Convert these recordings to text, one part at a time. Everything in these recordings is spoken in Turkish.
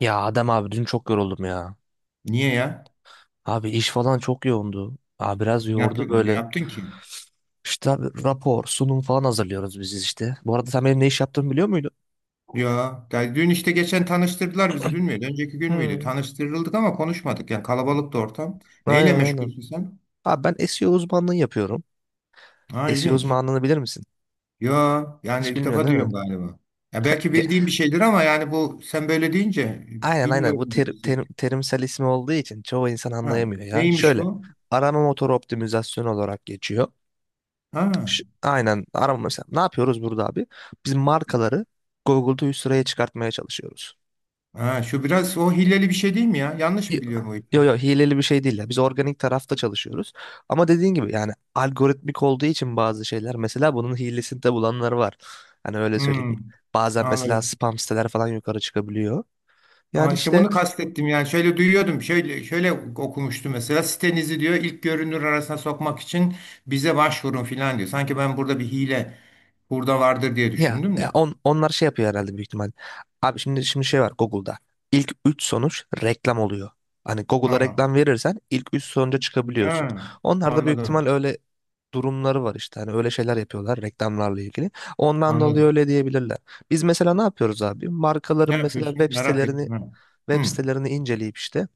Ya Adem abi dün çok yoruldum ya. Niye ya? Abi iş falan çok yoğundu. Abi biraz Ne yordu yaptın, ne böyle. yaptın ki? İşte abi rapor, sunum falan hazırlıyoruz biz işte. Bu arada sen benim ne iş yaptığımı biliyor muydun? Ya da dün işte geçen tanıştırdılar bizi. Dün müydü? Önceki gün müydü? Hmm, Tanıştırıldık ama konuşmadık. Yani kalabalıktı ortam. Neyle aynen. meşgulsün sen? Abi ben SEO uzmanlığı yapıyorum. Ha, SEO ilginç. uzmanlığını bilir misin? Ya yani Hiç ilk bilmiyorsun defa değil mi? duyuyorum galiba. Ya belki Ge- bildiğim bir şeydir ama yani bu sen böyle deyince aynen, bu bilmiyorum gibi hissettim. terimsel ismi olduğu için çoğu insan Ha, anlayamıyor ya. neymiş Şöyle bu? arama motoru optimizasyonu olarak geçiyor. Ha, Aynen, arama mesela. Ne yapıyoruz burada abi? Biz markaları Google'da üst sıraya çıkartmaya çalışıyoruz. ha, şu biraz o hileli bir şey değil mi ya? Yanlış Y- mı biliyorum o ipi? yo, hileli bir şey değil ya. Biz organik tarafta çalışıyoruz. Ama dediğin gibi, yani algoritmik olduğu için bazı şeyler, mesela bunun hilesini de bulanlar var. Hani öyle Hmm, söyleyeyim. Bazen mesela anladım. spam siteler falan yukarı çıkabiliyor. Aa, Yani işte işte, bunu kastettim yani şöyle duyuyordum şöyle şöyle okumuştum mesela sitenizi diyor ilk görünür arasına sokmak için bize başvurun filan diyor. Sanki ben burada bir hile burada vardır diye Ya, düşündüm ya de. onlar şey yapıyor herhalde, büyük ihtimal. Abi şimdi şey var Google'da. İlk 3 sonuç reklam oluyor. Hani Google'a Ha, reklam verirsen ilk 3 sonuca çıkabiliyorsun. ha, Onlar da büyük ihtimal anladım öyle durumları var işte. Hani öyle şeyler yapıyorlar reklamlarla ilgili. Ondan dolayı anladım. öyle diyebilirler. Biz mesela ne yapıyoruz abi? Ne Markaların mesela yapıyorsun? web Merak sitelerini ettim. Ha. web Hı, sitelerini inceleyip işte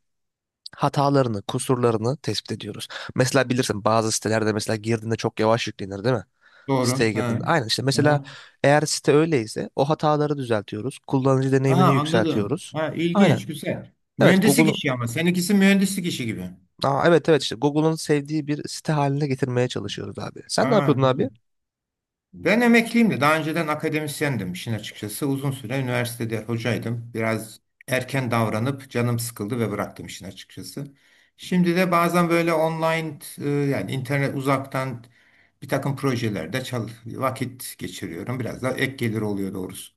hatalarını, kusurlarını tespit ediyoruz. Mesela bilirsin, bazı sitelerde mesela girdiğinde çok yavaş yüklenir değil mi? doğru. Siteye Ha. girdiğinde. Aynen, işte mesela Ha. eğer site öyleyse o hataları düzeltiyoruz. Kullanıcı Ha, deneyimini anladım. yükseltiyoruz. Ha, Aynen. ilginç güzel. Evet, Mühendislik Google'un, işi ama seninkisi mühendislik işi gibi. Evet evet, işte Google'un sevdiği bir site haline getirmeye çalışıyoruz abi. Sen ne Ha, yapıyordun abi? güzel. Ben emekliyim de daha önceden akademisyendim işin açıkçası. Uzun süre üniversitede hocaydım. Biraz erken davranıp canım sıkıldı ve bıraktım işin açıkçası. Şimdi de bazen böyle online, yani internet uzaktan bir takım projelerde vakit geçiriyorum. Biraz da ek gelir oluyor doğrusu.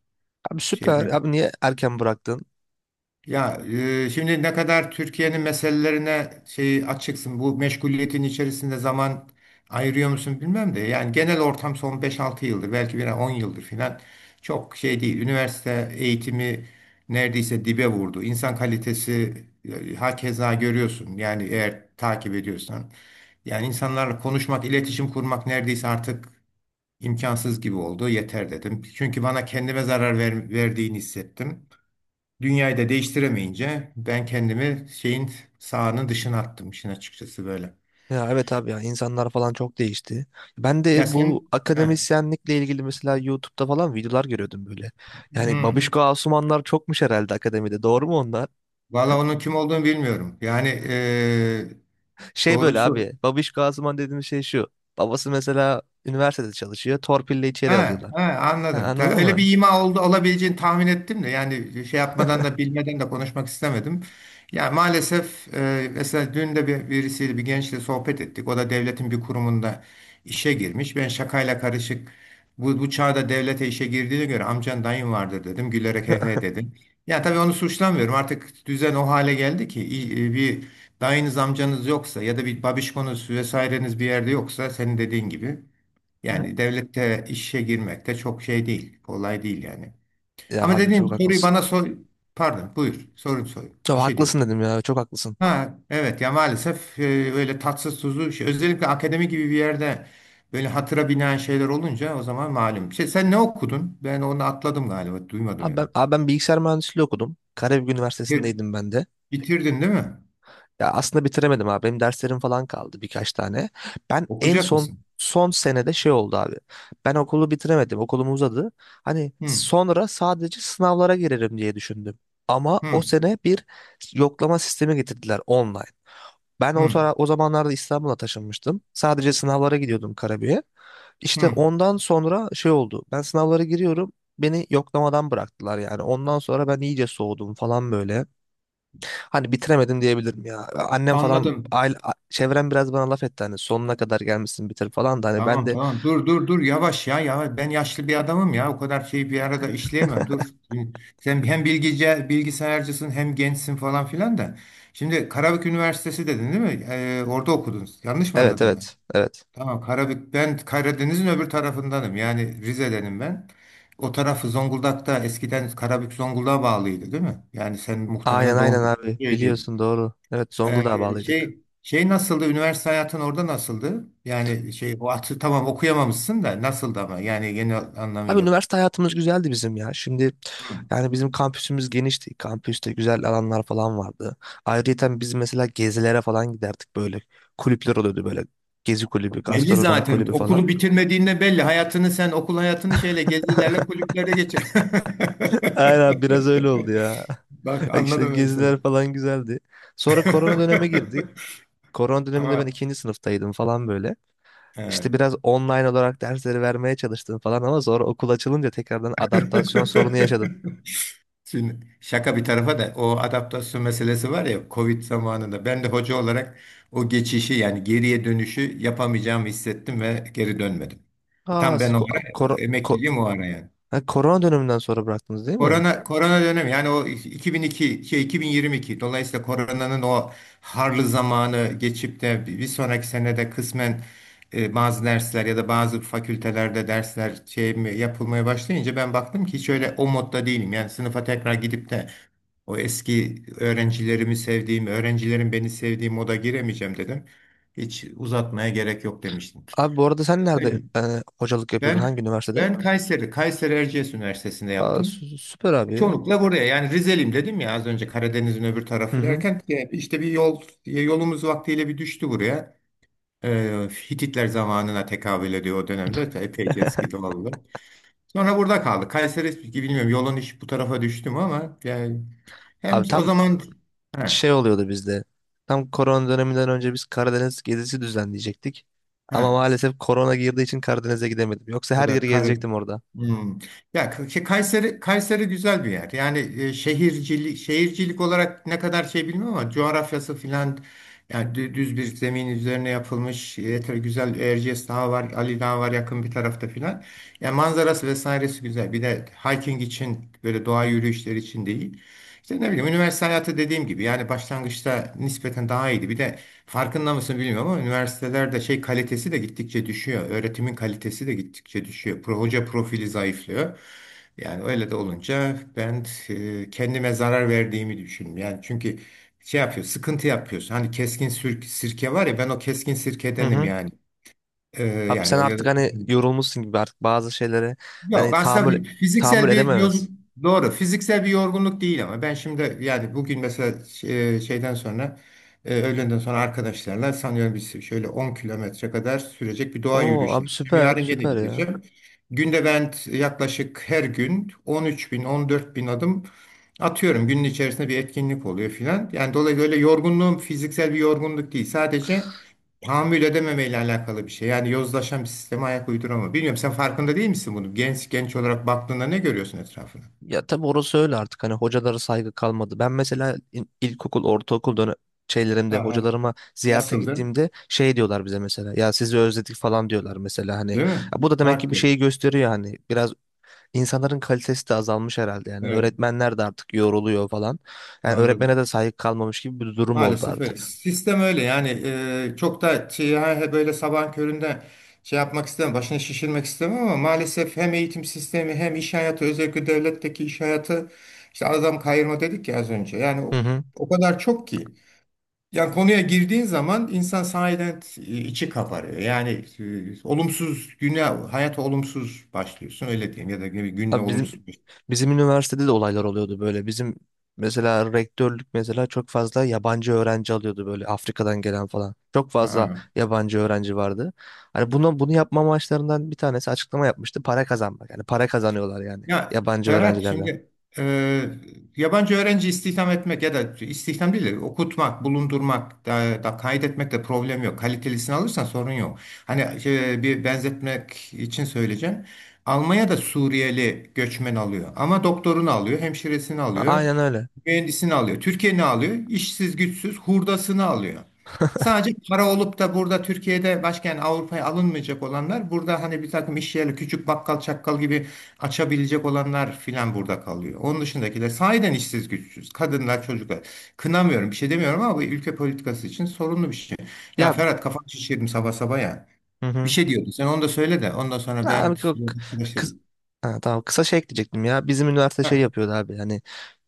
Abi süper. Şeyden Abi niye erken bıraktın? ya, şimdi ne kadar Türkiye'nin meselelerine şey açıksın, bu meşguliyetin içerisinde zaman ayırıyor musun bilmem de yani genel ortam son 5-6 yıldır, belki bir 10 yıldır filan çok şey değil. Üniversite eğitimi neredeyse dibe vurdu. İnsan kalitesi, hakeza görüyorsun yani eğer takip ediyorsan. Yani insanlarla konuşmak, iletişim kurmak neredeyse artık imkansız gibi oldu. Yeter dedim. Çünkü bana kendime zarar verdiğini hissettim. Dünyayı da değiştiremeyince ben kendimi şeyin sahanın dışına attım işin açıkçası böyle. Ya evet abi, ya insanlar falan çok değişti. Ben Ya de bu sen, he, akademisyenlikle ilgili mesela YouTube'da falan videolar görüyordum böyle. Yani hmm. Babişko Asumanlar çokmuş herhalde akademide. Doğru mu onlar? Valla onun kim olduğunu bilmiyorum. Yani Şey böyle abi. doğrusu. Babişko Asuman dediğimiz şey şu. Babası mesela üniversitede çalışıyor. Torpille içeri Ha, alıyorlar. ha, Ha, anladım. Ta- anladın öyle mı? bir ima oldu olabileceğini tahmin ettim de yani şey yapmadan da bilmeden de konuşmak istemedim. Yani maalesef, mesela dün de birisiyle bir gençle sohbet ettik. O da devletin bir kurumunda işe girmiş. Ben şakayla karışık bu çağda devlete işe girdiğine göre amcan dayın vardır dedim. Gülerek he he dedim. Ya tabii onu suçlamıyorum. Artık düzen o hale geldi ki bir dayınız amcanız yoksa ya da bir babişkonuz vesaireniz bir yerde yoksa senin dediğin gibi. Yani devlette işe girmekte çok şey değil. Kolay değil yani. Ya Ama abi dediğim çok soruyu haklısın. bana sor. Pardon, buyur. Sorun sorun. Çok Bir şey diyorum. haklısın dedim ya. Çok haklısın. Ha, evet ya maalesef, öyle tatsız tuzlu şey. Özellikle akademi gibi bir yerde böyle hatıra binen şeyler olunca o zaman malum. Şey, sen ne okudun? Ben onu atladım galiba. Duymadım Abi ben, yani. abi ben bilgisayar mühendisliği okudum. Karabük Bitir- Üniversitesi'ndeydim ben de. bitirdin değil mi? Ya aslında bitiremedim abi. Benim derslerim falan kaldı birkaç tane. Ben en Okuyacak son mısın? son senede şey oldu abi. Ben okulu bitiremedim. Okulum uzadı. Hani Hı, sonra sadece sınavlara girerim diye düşündüm. Ama hı, o sene bir yoklama sistemi getirdiler online. Ben hı, o zamanlarda İstanbul'a taşınmıştım. Sadece sınavlara gidiyordum Karabük'e. İşte hı. ondan sonra şey oldu. Ben sınavlara giriyorum. Beni yoklamadan bıraktılar yani. Ondan sonra ben iyice soğudum falan böyle. Hani bitiremedim diyebilirim ya. Annem falan Anladım. aile, çevrem biraz bana laf etti hani sonuna kadar gelmişsin bitir falan da hani ben Tamam de tamam, dur dur dur, yavaş ya yavaş, ben yaşlı bir adamım ya, o kadar şeyi bir arada işleyemem, dur. Şimdi sen hem bilgisayarcısın hem gençsin falan filan da. Şimdi Karabük Üniversitesi dedin değil mi? Orada okudunuz. Yanlış mı evet anladım ben? evet evet. Tamam, Karabük, ben Karadeniz'in öbür tarafındanım, yani Rize'denim ben. O tarafı Zonguldak'ta, eskiden Karabük Zonguldak'a bağlıydı değil mi? Yani sen Aynen muhtemelen aynen doğum, abi, biliyorsun, doğru. Evet, Zonguldak'a ee, bağlıydık. şey şey nasıldı? Üniversite hayatın orada nasıldı? Yani şey o atı tamam okuyamamışsın da nasıldı ama yani genel Abi anlamıyla. üniversite hayatımız güzeldi bizim ya. Şimdi Hı. yani bizim kampüsümüz genişti. Kampüste güzel alanlar falan vardı. Ayrıca biz mesela gezilere falan giderdik böyle. Kulüpler oluyordu böyle. Gezi kulübü, Belli gastronomi zaten. kulübü falan. Okulu bitirmediğinde belli. Hayatını sen okul hayatını şeyle gezilerle kulüplere geçir. Aynen, biraz öyle oldu ya. Bak İşte anladım ben seni. geziler falan güzeldi. Sonra korona döneme girdi. Korona döneminde ben Ama ikinci sınıftaydım falan böyle. evet. İşte biraz online olarak dersleri vermeye çalıştım falan, ama sonra okul açılınca tekrardan adaptasyon sorunu yaşadım. Şimdi şaka bir tarafa da, o adaptasyon meselesi var ya, Covid zamanında ben de hoca olarak o geçişi, yani geriye dönüşü yapamayacağımı hissettim ve geri dönmedim. Aa Tam siz ben o ko- ara, o kor- ko- emekliyim o ara yani. ha, korona döneminden sonra bıraktınız değil mi? Korona dönemi yani, o 2002 şey 2022, dolayısıyla koronanın o harlı zamanı geçip de bir sonraki senede kısmen bazı dersler ya da bazı fakültelerde dersler şey mi, yapılmaya başlayınca ben baktım ki hiç öyle o modda değilim. Yani sınıfa tekrar gidip de o eski öğrencilerimi sevdiğim, öğrencilerin beni sevdiği moda giremeyeceğim dedim. Hiç uzatmaya gerek yok demiştim. Abi bu arada sen nerede Öyle. Hocalık yapıyordun? Hangi Ben üniversitede? ben Kayseri Erciyes Üniversitesi'nde Aa yaptım. sü- süper abi. Çoğunlukla buraya, yani Rizeliyim dedim ya az önce, Karadeniz'in öbür Hı tarafı hı. derken işte bir yolumuz vaktiyle bir düştü buraya. E, Hititler zamanına tekabül ediyor o dönemde. Epeyce eski doğalım. Sonra burada kaldık. Kayseri bilmiyorum yolun iş bu tarafa düştüm ama yani hem Abi o tam zaman he, şey oluyordu bizde. Tam korona döneminden önce biz Karadeniz gezisi düzenleyecektik. he. Ama maalesef korona girdiği için Karadeniz'e gidemedim. Yoksa O her da yeri Kare. gezecektim orada. Hmm. Ya Kayseri güzel bir yer. Yani şehircilik olarak ne kadar şey bilmiyorum ama coğrafyası filan, yani düz bir zemin üzerine yapılmış yeter güzel, Erciyes Dağı var, Ali Dağı var yakın bir tarafta filan. Yani manzarası vesairesi güzel. Bir de hiking için, böyle doğa yürüyüşleri için değil. İşte ne bileyim, üniversite hayatı dediğim gibi, yani başlangıçta nispeten daha iyiydi. Bir de farkında mısın bilmiyorum ama üniversitelerde şey kalitesi de gittikçe düşüyor. Öğretimin kalitesi de gittikçe düşüyor. Hoca profili zayıflıyor. Yani öyle de olunca ben kendime zarar verdiğimi düşünüyorum. Yani çünkü şey yapıyor, sıkıntı yapıyorsun. Hani keskin sirke var ya, ben o keskin Hı sirkedenim hı. yani. Abi Yani sen o ya da. artık hani yorulmuşsun gibi artık bazı şeylere Yok hani tahammül aslında tahammül fiziksel bir yoz edememez. doğru, fiziksel bir yorgunluk değil ama ben şimdi yani, bugün mesela şeyden sonra, öğlenden sonra arkadaşlarla sanıyorum biz şöyle 10 kilometre kadar sürecek bir doğa Oo yürüyüşüne abi gideceğim. süper Yarın gene süper ya. gideceğim. Günde ben yaklaşık her gün 13 bin 14 bin adım atıyorum. Günün içerisinde bir etkinlik oluyor filan. Yani dolayısıyla öyle, yorgunluğum fiziksel bir yorgunluk değil. Sadece tahammül edememeyle alakalı bir şey. Yani yozlaşan bir sisteme ayak uyduramama. Bilmiyorum, sen farkında değil misin bunu? Genç olarak baktığında ne görüyorsun etrafına? Ya tabii orası öyle, artık hani hocalara saygı kalmadı. Ben mesela ilkokul, ortaokul dönem şeylerimde Ha, ha. hocalarıma ziyarete Nasıldı? gittiğimde şey diyorlar bize mesela, ya sizi özledik falan diyorlar mesela, hani Değil mi? ya bu da demek ki bir Farklı. şeyi gösteriyor, hani biraz insanların kalitesi de azalmış herhalde, yani Evet, öğretmenler de artık yoruluyor falan, yani anladım. öğretmene de saygı kalmamış gibi bir durum oldu Maalesef öyle. artık. Sistem öyle yani, çok da şey, böyle sabahın köründe şey yapmak istemem, başını şişirmek istemem ama maalesef hem eğitim sistemi hem iş hayatı, özellikle devletteki iş hayatı, işte adam kayırma dedik ya az önce. Yani Hı o, hı. o kadar çok ki. Ya konuya girdiğin zaman insan sahiden içi kabarıyor. Yani olumsuz güne, hayata olumsuz başlıyorsun öyle diyeyim ya da bir günle Abi bizim olumsuz. bizim üniversitede de olaylar oluyordu böyle. Bizim mesela rektörlük mesela çok fazla yabancı öğrenci alıyordu böyle, Afrika'dan gelen falan. Çok fazla Ha. yabancı öğrenci vardı. Hani bunu yapma amaçlarından bir tanesi, açıklama yapmıştı, para kazanmak. Yani para kazanıyorlar yani, Ya yabancı Ferhat, öğrencilerden. şimdi e, yabancı öğrenci istihdam etmek ya da istihdam değil de okutmak, bulundurmak da kaydetmekte problem yok. Kalitelisini alırsan sorun yok. Hani bir benzetmek için söyleyeceğim. Almanya da Suriyeli göçmen alıyor ama doktorunu alıyor, hemşiresini alıyor. Aynen öyle. Mühendisini alıyor. Türkiye ne alıyor? İşsiz, güçsüz, hurdasını alıyor. Sadece para olup da burada Türkiye'de, başka yani Avrupa'ya alınmayacak olanlar, burada hani bir takım iş yerleri, küçük bakkal çakkal gibi açabilecek olanlar filan burada kalıyor. Onun dışındakiler sahiden işsiz güçsüz. Kadınlar, çocuklar. Kınamıyorum, bir şey demiyorum ama bu ülke politikası için sorunlu bir şey. Ya Ya, Ferhat, kafanı şişirdim sabah sabah ya. hı Bir hı. şey diyordun sen, onu da söyle de ondan sonra ben Abi, kıs- arkadaşlarım. ha, tamam, kısa şey ekleyecektim ya. Bizim üniversite şey Heh. yapıyordu abi. Yani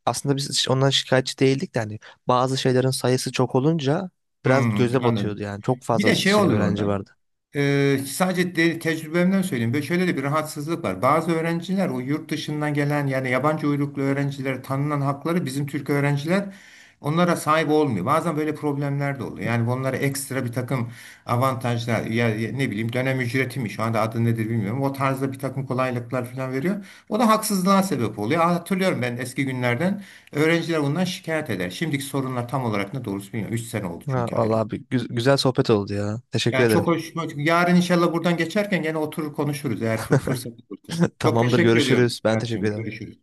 aslında biz hiç ondan şikayetçi değildik de, hani bazı şeylerin sayısı çok olunca biraz Hmm, göze batıyordu anladım. yani. Çok Bir fazla de şey şey oluyor öğrenci orada. vardı. Sadece tecrübemden söyleyeyim. Ve şöyle de bir rahatsızlık var. Bazı öğrenciler, o yurt dışından gelen yani yabancı uyruklu öğrencilere tanınan hakları bizim Türk öğrenciler onlara sahip olmuyor. Bazen böyle problemler de oluyor. Yani onlara ekstra bir takım avantajlar, ya ne bileyim dönem ücreti mi şu anda adı nedir bilmiyorum. O tarzda bir takım kolaylıklar falan veriyor. O da haksızlığa sebep oluyor. Hatırlıyorum ben eski günlerden, öğrenciler bundan şikayet eder. Şimdiki sorunlar tam olarak ne doğrusu bilmiyorum. 3 sene oldu Ha, çünkü ayrı. vallahi bir güzel sohbet oldu ya. Teşekkür Yani ederim. çok hoş. Yarın inşallah buradan geçerken gene oturur konuşuruz eğer fırsat olursa. Çok Tamamdır, teşekkür ediyorum görüşürüz. Ben teşekkür Berat'cığım. ederim. Görüşürüz.